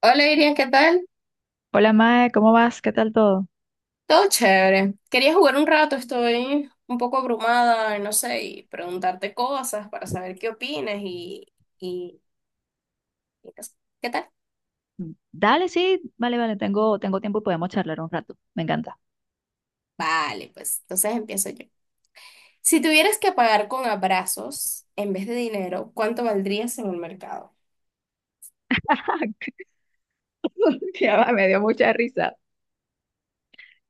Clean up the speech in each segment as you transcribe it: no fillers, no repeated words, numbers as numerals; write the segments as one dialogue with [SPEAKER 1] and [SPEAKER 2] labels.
[SPEAKER 1] Hola Iria, ¿qué tal?
[SPEAKER 2] Hola Mae, ¿cómo vas? ¿Qué tal todo?
[SPEAKER 1] Todo chévere. Quería jugar un rato, estoy un poco abrumada, y no sé, y preguntarte cosas para saber qué opinas y, y no sé. ¿Qué tal?
[SPEAKER 2] Dale, sí, vale, vale, tengo tiempo y podemos charlar un rato. Me encanta.
[SPEAKER 1] Vale, pues entonces empiezo yo. Si tuvieras que pagar con abrazos en vez de dinero, ¿cuánto valdrías en el mercado?
[SPEAKER 2] Ya va, me dio mucha risa.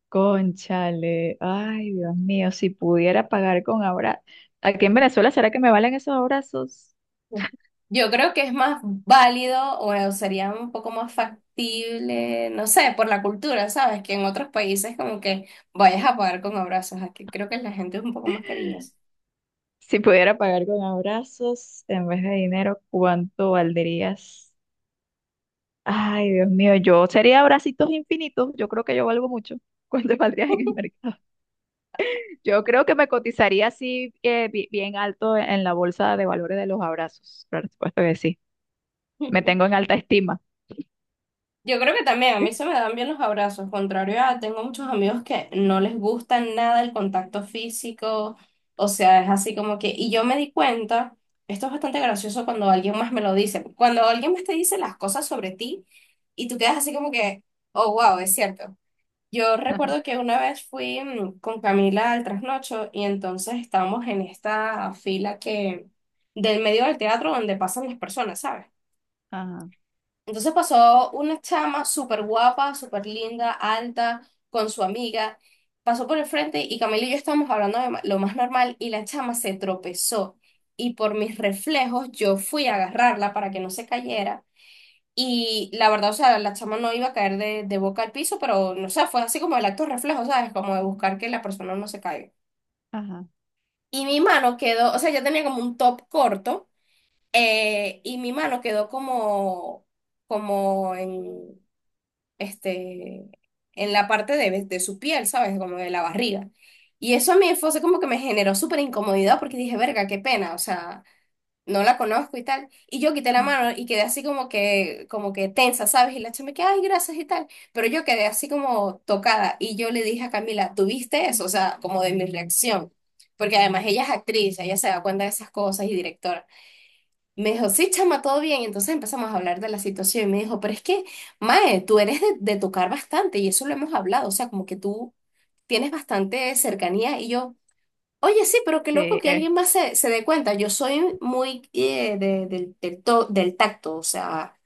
[SPEAKER 2] Conchale, ay Dios mío, si pudiera pagar con abrazos. Aquí en Venezuela, ¿será que me valen esos abrazos?
[SPEAKER 1] Mm. Yo creo que es más válido o sería un poco más factible, no sé, por la cultura, ¿sabes? Que en otros países como que vayas a pagar con abrazos, aquí creo que la gente es un poco más cariñosa.
[SPEAKER 2] Si pudiera pagar con abrazos en vez de dinero, ¿cuánto valdrías? Ay Dios mío, yo sería abracitos infinitos. Yo creo que yo valgo mucho. ¿Cuánto valdrías en el mercado? Yo creo que me cotizaría así bien alto en la bolsa de valores de los abrazos. Por supuesto que sí. Me tengo en alta estima.
[SPEAKER 1] Yo creo que también a mí se me dan bien los abrazos, contrario a tengo muchos amigos que no les gusta nada el contacto físico, o sea, es así como que, y yo me di cuenta, esto es bastante gracioso cuando alguien más me lo dice, cuando alguien más te dice las cosas sobre ti y tú quedas así como que, oh, wow, es cierto. Yo
[SPEAKER 2] Ajá,
[SPEAKER 1] recuerdo que una vez fui con Camila al trasnocho y entonces estábamos en esta fila que, del medio del teatro donde pasan las personas, ¿sabes?
[SPEAKER 2] ajá,
[SPEAKER 1] Entonces pasó una chama súper guapa, súper linda, alta, con su amiga. Pasó por el frente y Camila y yo estábamos hablando de lo más normal y la chama se tropezó. Y por mis reflejos yo fui a agarrarla para que no se cayera. Y la verdad, o sea, la chama no iba a caer de boca al piso, pero no sé, fue así como el acto reflejo, ¿sabes? Como de buscar que la persona no se caiga.
[SPEAKER 2] ajá.
[SPEAKER 1] Y mi mano quedó, o sea, yo tenía como un top corto y mi mano quedó como, como en este, en la parte de su piel, ¿sabes? Como de la barriga. Y eso a mí fue así como que me generó súper incomodidad porque dije, verga, qué pena, o sea, no la conozco y tal. Y yo quité la
[SPEAKER 2] Ajá.
[SPEAKER 1] mano y quedé así como que tensa, ¿sabes? Y la chama que, ay, gracias y tal. Pero yo quedé así como tocada y yo le dije a Camila, ¿tuviste eso? O sea, como de mi reacción. Porque además ella es actriz, ella se da cuenta de esas cosas y directora. Me dijo, sí, chama, todo bien. Y entonces empezamos a hablar de la situación y me dijo, pero es que, Mae, tú eres de tocar bastante y eso lo hemos hablado, o sea, como que tú tienes bastante cercanía y yo, oye, sí, pero qué loco
[SPEAKER 2] Sí,
[SPEAKER 1] que
[SPEAKER 2] eh,
[SPEAKER 1] alguien más se dé cuenta. Yo soy muy del tacto, o sea,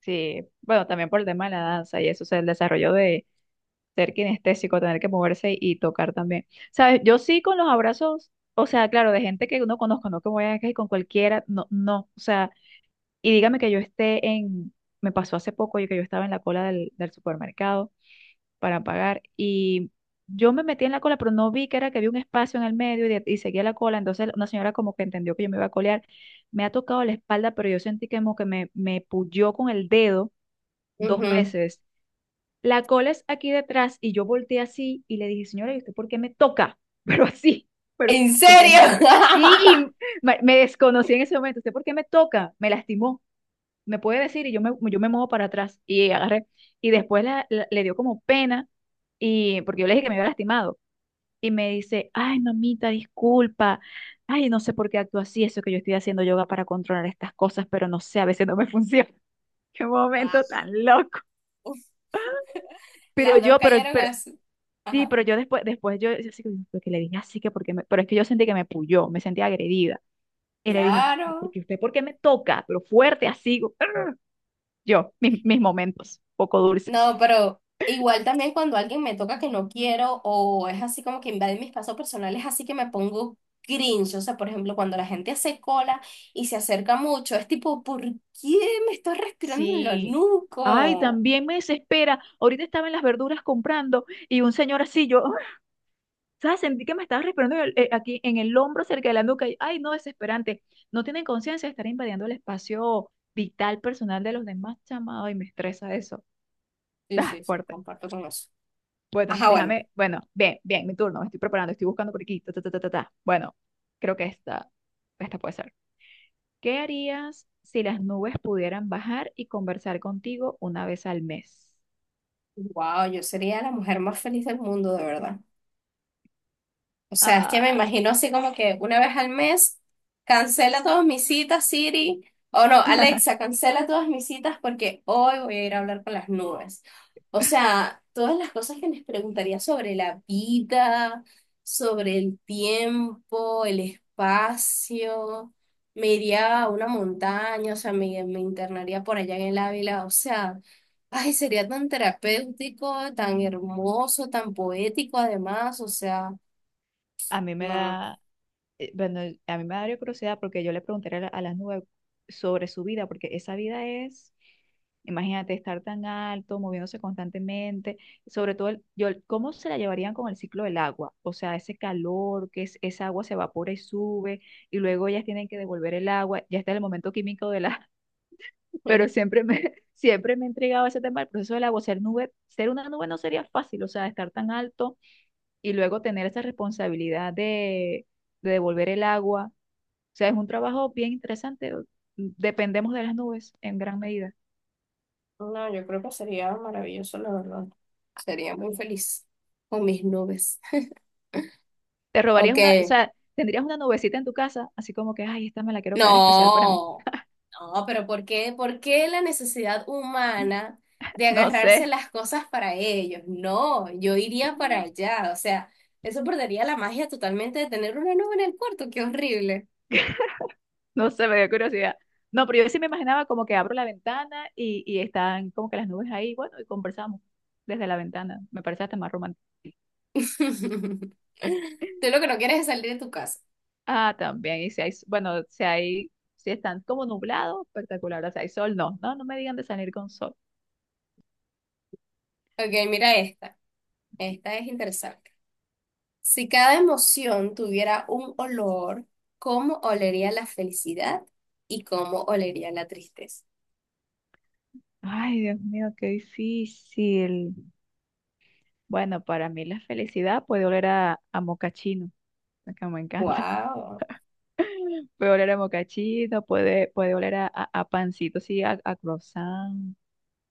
[SPEAKER 2] sí. Bueno, también por el tema de la danza y eso, o sea, el desarrollo de ser kinestésico, tener que moverse y tocar también. ¿Sabes? Yo sí con los abrazos, o sea, claro, de gente que uno conozco, no que voy a que con cualquiera, no, no. O sea, y dígame que yo esté en, me pasó hace poco, yo que yo estaba en la cola del supermercado para pagar. Y yo me metí en la cola, pero no vi que era que había un espacio en el medio y, y seguía la cola. Entonces una señora como que entendió que yo me iba a colear. Me ha tocado la espalda, pero yo sentí que como que me puyó con el dedo dos
[SPEAKER 1] ujú.
[SPEAKER 2] veces. La cola es aquí detrás y yo volteé así y le dije, señora, ¿y usted por qué me toca? Pero así, pero
[SPEAKER 1] ¿En
[SPEAKER 2] porque me...
[SPEAKER 1] serio?
[SPEAKER 2] Sí, me desconocí en ese momento. ¿Usted por qué me toca? Me lastimó. Me puede decir y yo me muevo para atrás y agarré. Y después le dio como pena y porque yo le dije que me había lastimado. Y me dice, ay, mamita, disculpa. Ay, no sé por qué actúo así. Eso que yo estoy haciendo yoga para controlar estas cosas, pero no sé, a veces no me funciona. Qué momento
[SPEAKER 1] Guau.
[SPEAKER 2] tan loco. Pero
[SPEAKER 1] Las dos
[SPEAKER 2] yo, pero,
[SPEAKER 1] callaron
[SPEAKER 2] pero,
[SPEAKER 1] así.
[SPEAKER 2] sí,
[SPEAKER 1] Ajá,
[SPEAKER 2] pero yo después, yo así que "¿Por qué le dije así que porque me, pero es que yo sentí que me puyó, me sentí agredida. Y le dije,
[SPEAKER 1] claro.
[SPEAKER 2] porque usted, ¿por qué me toca? Pero fuerte, así, yo, mis momentos, poco
[SPEAKER 1] No,
[SPEAKER 2] dulces.
[SPEAKER 1] pero igual también cuando alguien me toca que no quiero o es así como que invade mi espacio personal, es así que me pongo cringe. O sea, por ejemplo, cuando la gente hace cola y se acerca mucho, es tipo, ¿por qué me estás respirando en lo
[SPEAKER 2] Sí. Ay,
[SPEAKER 1] nuco?
[SPEAKER 2] también me desespera. Ahorita estaba en las verduras comprando y un señor así, yo, ¿sabes? Sentí que me estaba respirando en aquí en el hombro, cerca de la nuca. Y ay, no, desesperante. No tienen conciencia de estar invadiendo el espacio vital personal de los demás, chamado, y me estresa eso.
[SPEAKER 1] Sí,
[SPEAKER 2] Ah,
[SPEAKER 1] sí, sí,
[SPEAKER 2] fuerte.
[SPEAKER 1] comparto con eso.
[SPEAKER 2] Bueno,
[SPEAKER 1] Ajá, bueno.
[SPEAKER 2] déjame. Bueno, bien, bien, mi turno. Me estoy preparando, estoy buscando por aquí. Ta, ta, ta, ta, ta, ta. Bueno, creo que esta puede ser. ¿Qué harías si las nubes pudieran bajar y conversar contigo una vez al mes?
[SPEAKER 1] Wow, yo sería la mujer más feliz del mundo, de verdad. O sea, es que me
[SPEAKER 2] Ah,
[SPEAKER 1] imagino así como que una vez al mes cancela todas mis citas, Siri. O no, Alexa, cancela todas mis citas porque hoy voy a ir a hablar con las nubes. O sea, todas las cosas que les preguntaría sobre la vida, sobre el tiempo, el espacio. Me iría a una montaña, o sea, me internaría por allá en el Ávila. O sea, ay, sería tan terapéutico, tan hermoso, tan poético además. O sea,
[SPEAKER 2] a mí me
[SPEAKER 1] no. No.
[SPEAKER 2] da. Bueno, a mí me daría curiosidad porque yo le preguntaría a a las nubes sobre su vida, porque esa vida es, imagínate, estar tan alto, moviéndose constantemente, sobre todo, yo, ¿cómo se la llevarían con el ciclo del agua? O sea, ese calor, que es, esa agua se evapora y sube, y luego ellas tienen que devolver el agua, ya está el momento químico de la, pero siempre me, siempre me ha intrigado ese tema el proceso del agua, ser nube, ser una nube no sería fácil, o sea, estar tan alto y luego tener esa responsabilidad de devolver el agua sea, es un trabajo bien interesante. Dependemos de las nubes en gran medida.
[SPEAKER 1] No, yo creo que sería maravilloso, la verdad. Sería muy feliz con mis nubes.
[SPEAKER 2] Te robarías
[SPEAKER 1] Ok,
[SPEAKER 2] una, o sea, tendrías una nubecita en tu casa, así como que, ay, esta me la quiero quedar especial para mí.
[SPEAKER 1] no, no, pero ¿por qué? ¿Por qué la necesidad humana de
[SPEAKER 2] No sé,
[SPEAKER 1] agarrarse las cosas para ellos? No, yo iría para allá, o sea, eso perdería la magia totalmente de tener una nube en el cuarto, qué horrible.
[SPEAKER 2] no sé, me dio curiosidad. No, pero yo sí me imaginaba como que abro la ventana y están como que las nubes ahí, bueno, y conversamos desde la ventana. Me parece hasta más romántico.
[SPEAKER 1] Tú lo que no quieres es salir de tu casa.
[SPEAKER 2] Ah, también, y si hay, bueno, si hay, si están como nublados, espectacular. O sea, hay sol, no, no, no me digan de salir con sol.
[SPEAKER 1] Ok, mira esta, esta es interesante. Si cada emoción tuviera un olor, ¿cómo olería la felicidad y cómo olería la tristeza?
[SPEAKER 2] Ay, Dios mío, qué difícil. Bueno, para mí la felicidad puede oler a mocachino, que me encanta.
[SPEAKER 1] Wow.
[SPEAKER 2] Puede oler a mocachino, puede, puede oler a pancito, sí, a croissant.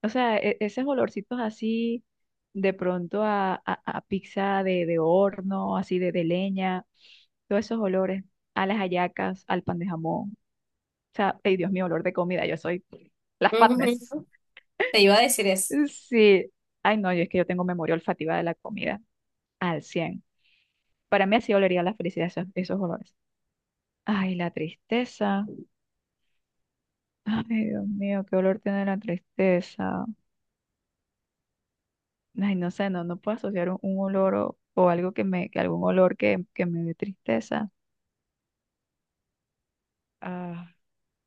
[SPEAKER 2] O sea, esos olorcitos así, de pronto a pizza de horno, así de leña, todos esos olores, a las hallacas, al pan de jamón. O sea, ay Dios mío, olor de comida, yo soy las fatness.
[SPEAKER 1] Te iba a decir eso.
[SPEAKER 2] Sí, ay no, yo es que yo tengo memoria olfativa de la comida al 100. Para mí así olería la felicidad esos, esos olores. Ay, la tristeza. Ay, Dios mío, qué olor tiene la tristeza. Ay, no sé, no, no puedo asociar un olor o algo que me, que algún olor que me dé tristeza. Ah,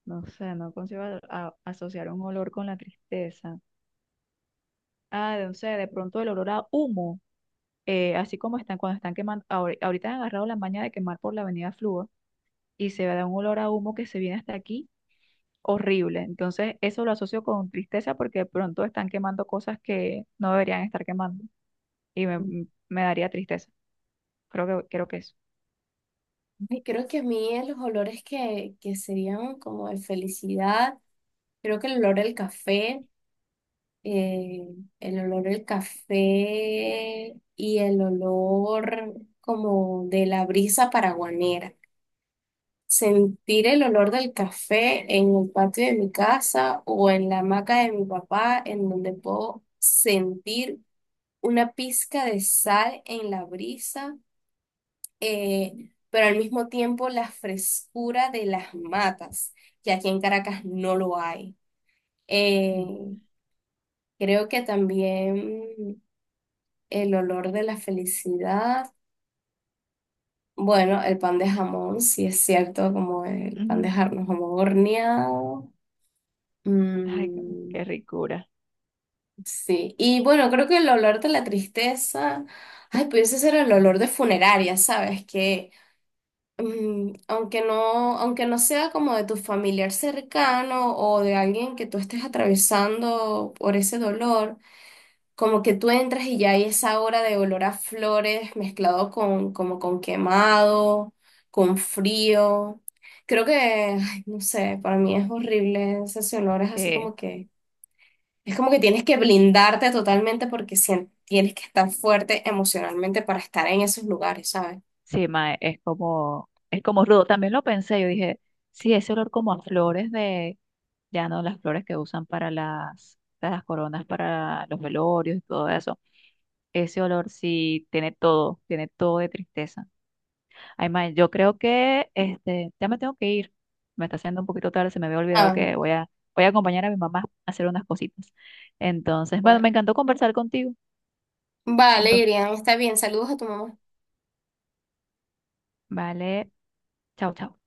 [SPEAKER 2] no sé, no consigo asociar un olor con la tristeza. Ah, no sé, de pronto el olor a humo, así como están cuando están quemando, ahorita han agarrado la maña de quemar por la avenida Fluor y se da un olor a humo que se viene hasta aquí. Horrible. Entonces, eso lo asocio con tristeza porque de pronto están quemando cosas que no deberían estar quemando. y me, me daría tristeza. Creo que eso.
[SPEAKER 1] Ay, creo que a mí los olores que serían como de felicidad, creo que el olor del café, eh, el olor del café y el olor como de la brisa paraguanera. Sentir el olor del café en el patio de mi casa o en la hamaca de mi papá, en donde puedo sentir una pizca de sal en la brisa, pero al mismo tiempo la frescura de las matas, que aquí en Caracas no lo hay. Eh, Creo que también el olor de la felicidad. Bueno, el pan de jamón, sí es cierto, como el pan
[SPEAKER 2] Ujú.
[SPEAKER 1] de jamón horneado.
[SPEAKER 2] Ay, qué
[SPEAKER 1] Mm,
[SPEAKER 2] qué ricura.
[SPEAKER 1] sí, y bueno, creo que el olor de la tristeza, ay, pudiese ser el olor de funeraria, ¿sabes? Que mm, aunque no sea como de tu familiar cercano o de alguien que tú estés atravesando por ese dolor, como que tú entras y ya hay esa hora de olor a flores mezclado con, como con quemado, con frío. Creo que, ay, no sé, para mí es horrible ese olor, es así
[SPEAKER 2] Sí,
[SPEAKER 1] como que es como que tienes que blindarte totalmente porque tienes que estar fuerte emocionalmente para estar en esos lugares, ¿sabes?
[SPEAKER 2] sí, mae, es como rudo. También lo pensé, yo dije, sí, ese olor como a flores de, ya no las flores que usan para las coronas, para los velorios y todo eso. Ese olor sí tiene todo de tristeza. Ay, mae, yo creo que este, ya me tengo que ir. Me está haciendo un poquito tarde, se me había olvidado
[SPEAKER 1] Ah,
[SPEAKER 2] que voy a acompañar a mi mamá a hacer unas cositas. Entonces, bueno, me
[SPEAKER 1] bueno.
[SPEAKER 2] encantó conversar contigo. Me
[SPEAKER 1] Vale,
[SPEAKER 2] encantó.
[SPEAKER 1] Irian, está bien. Saludos a tu mamá.
[SPEAKER 2] Vale, chao, chao.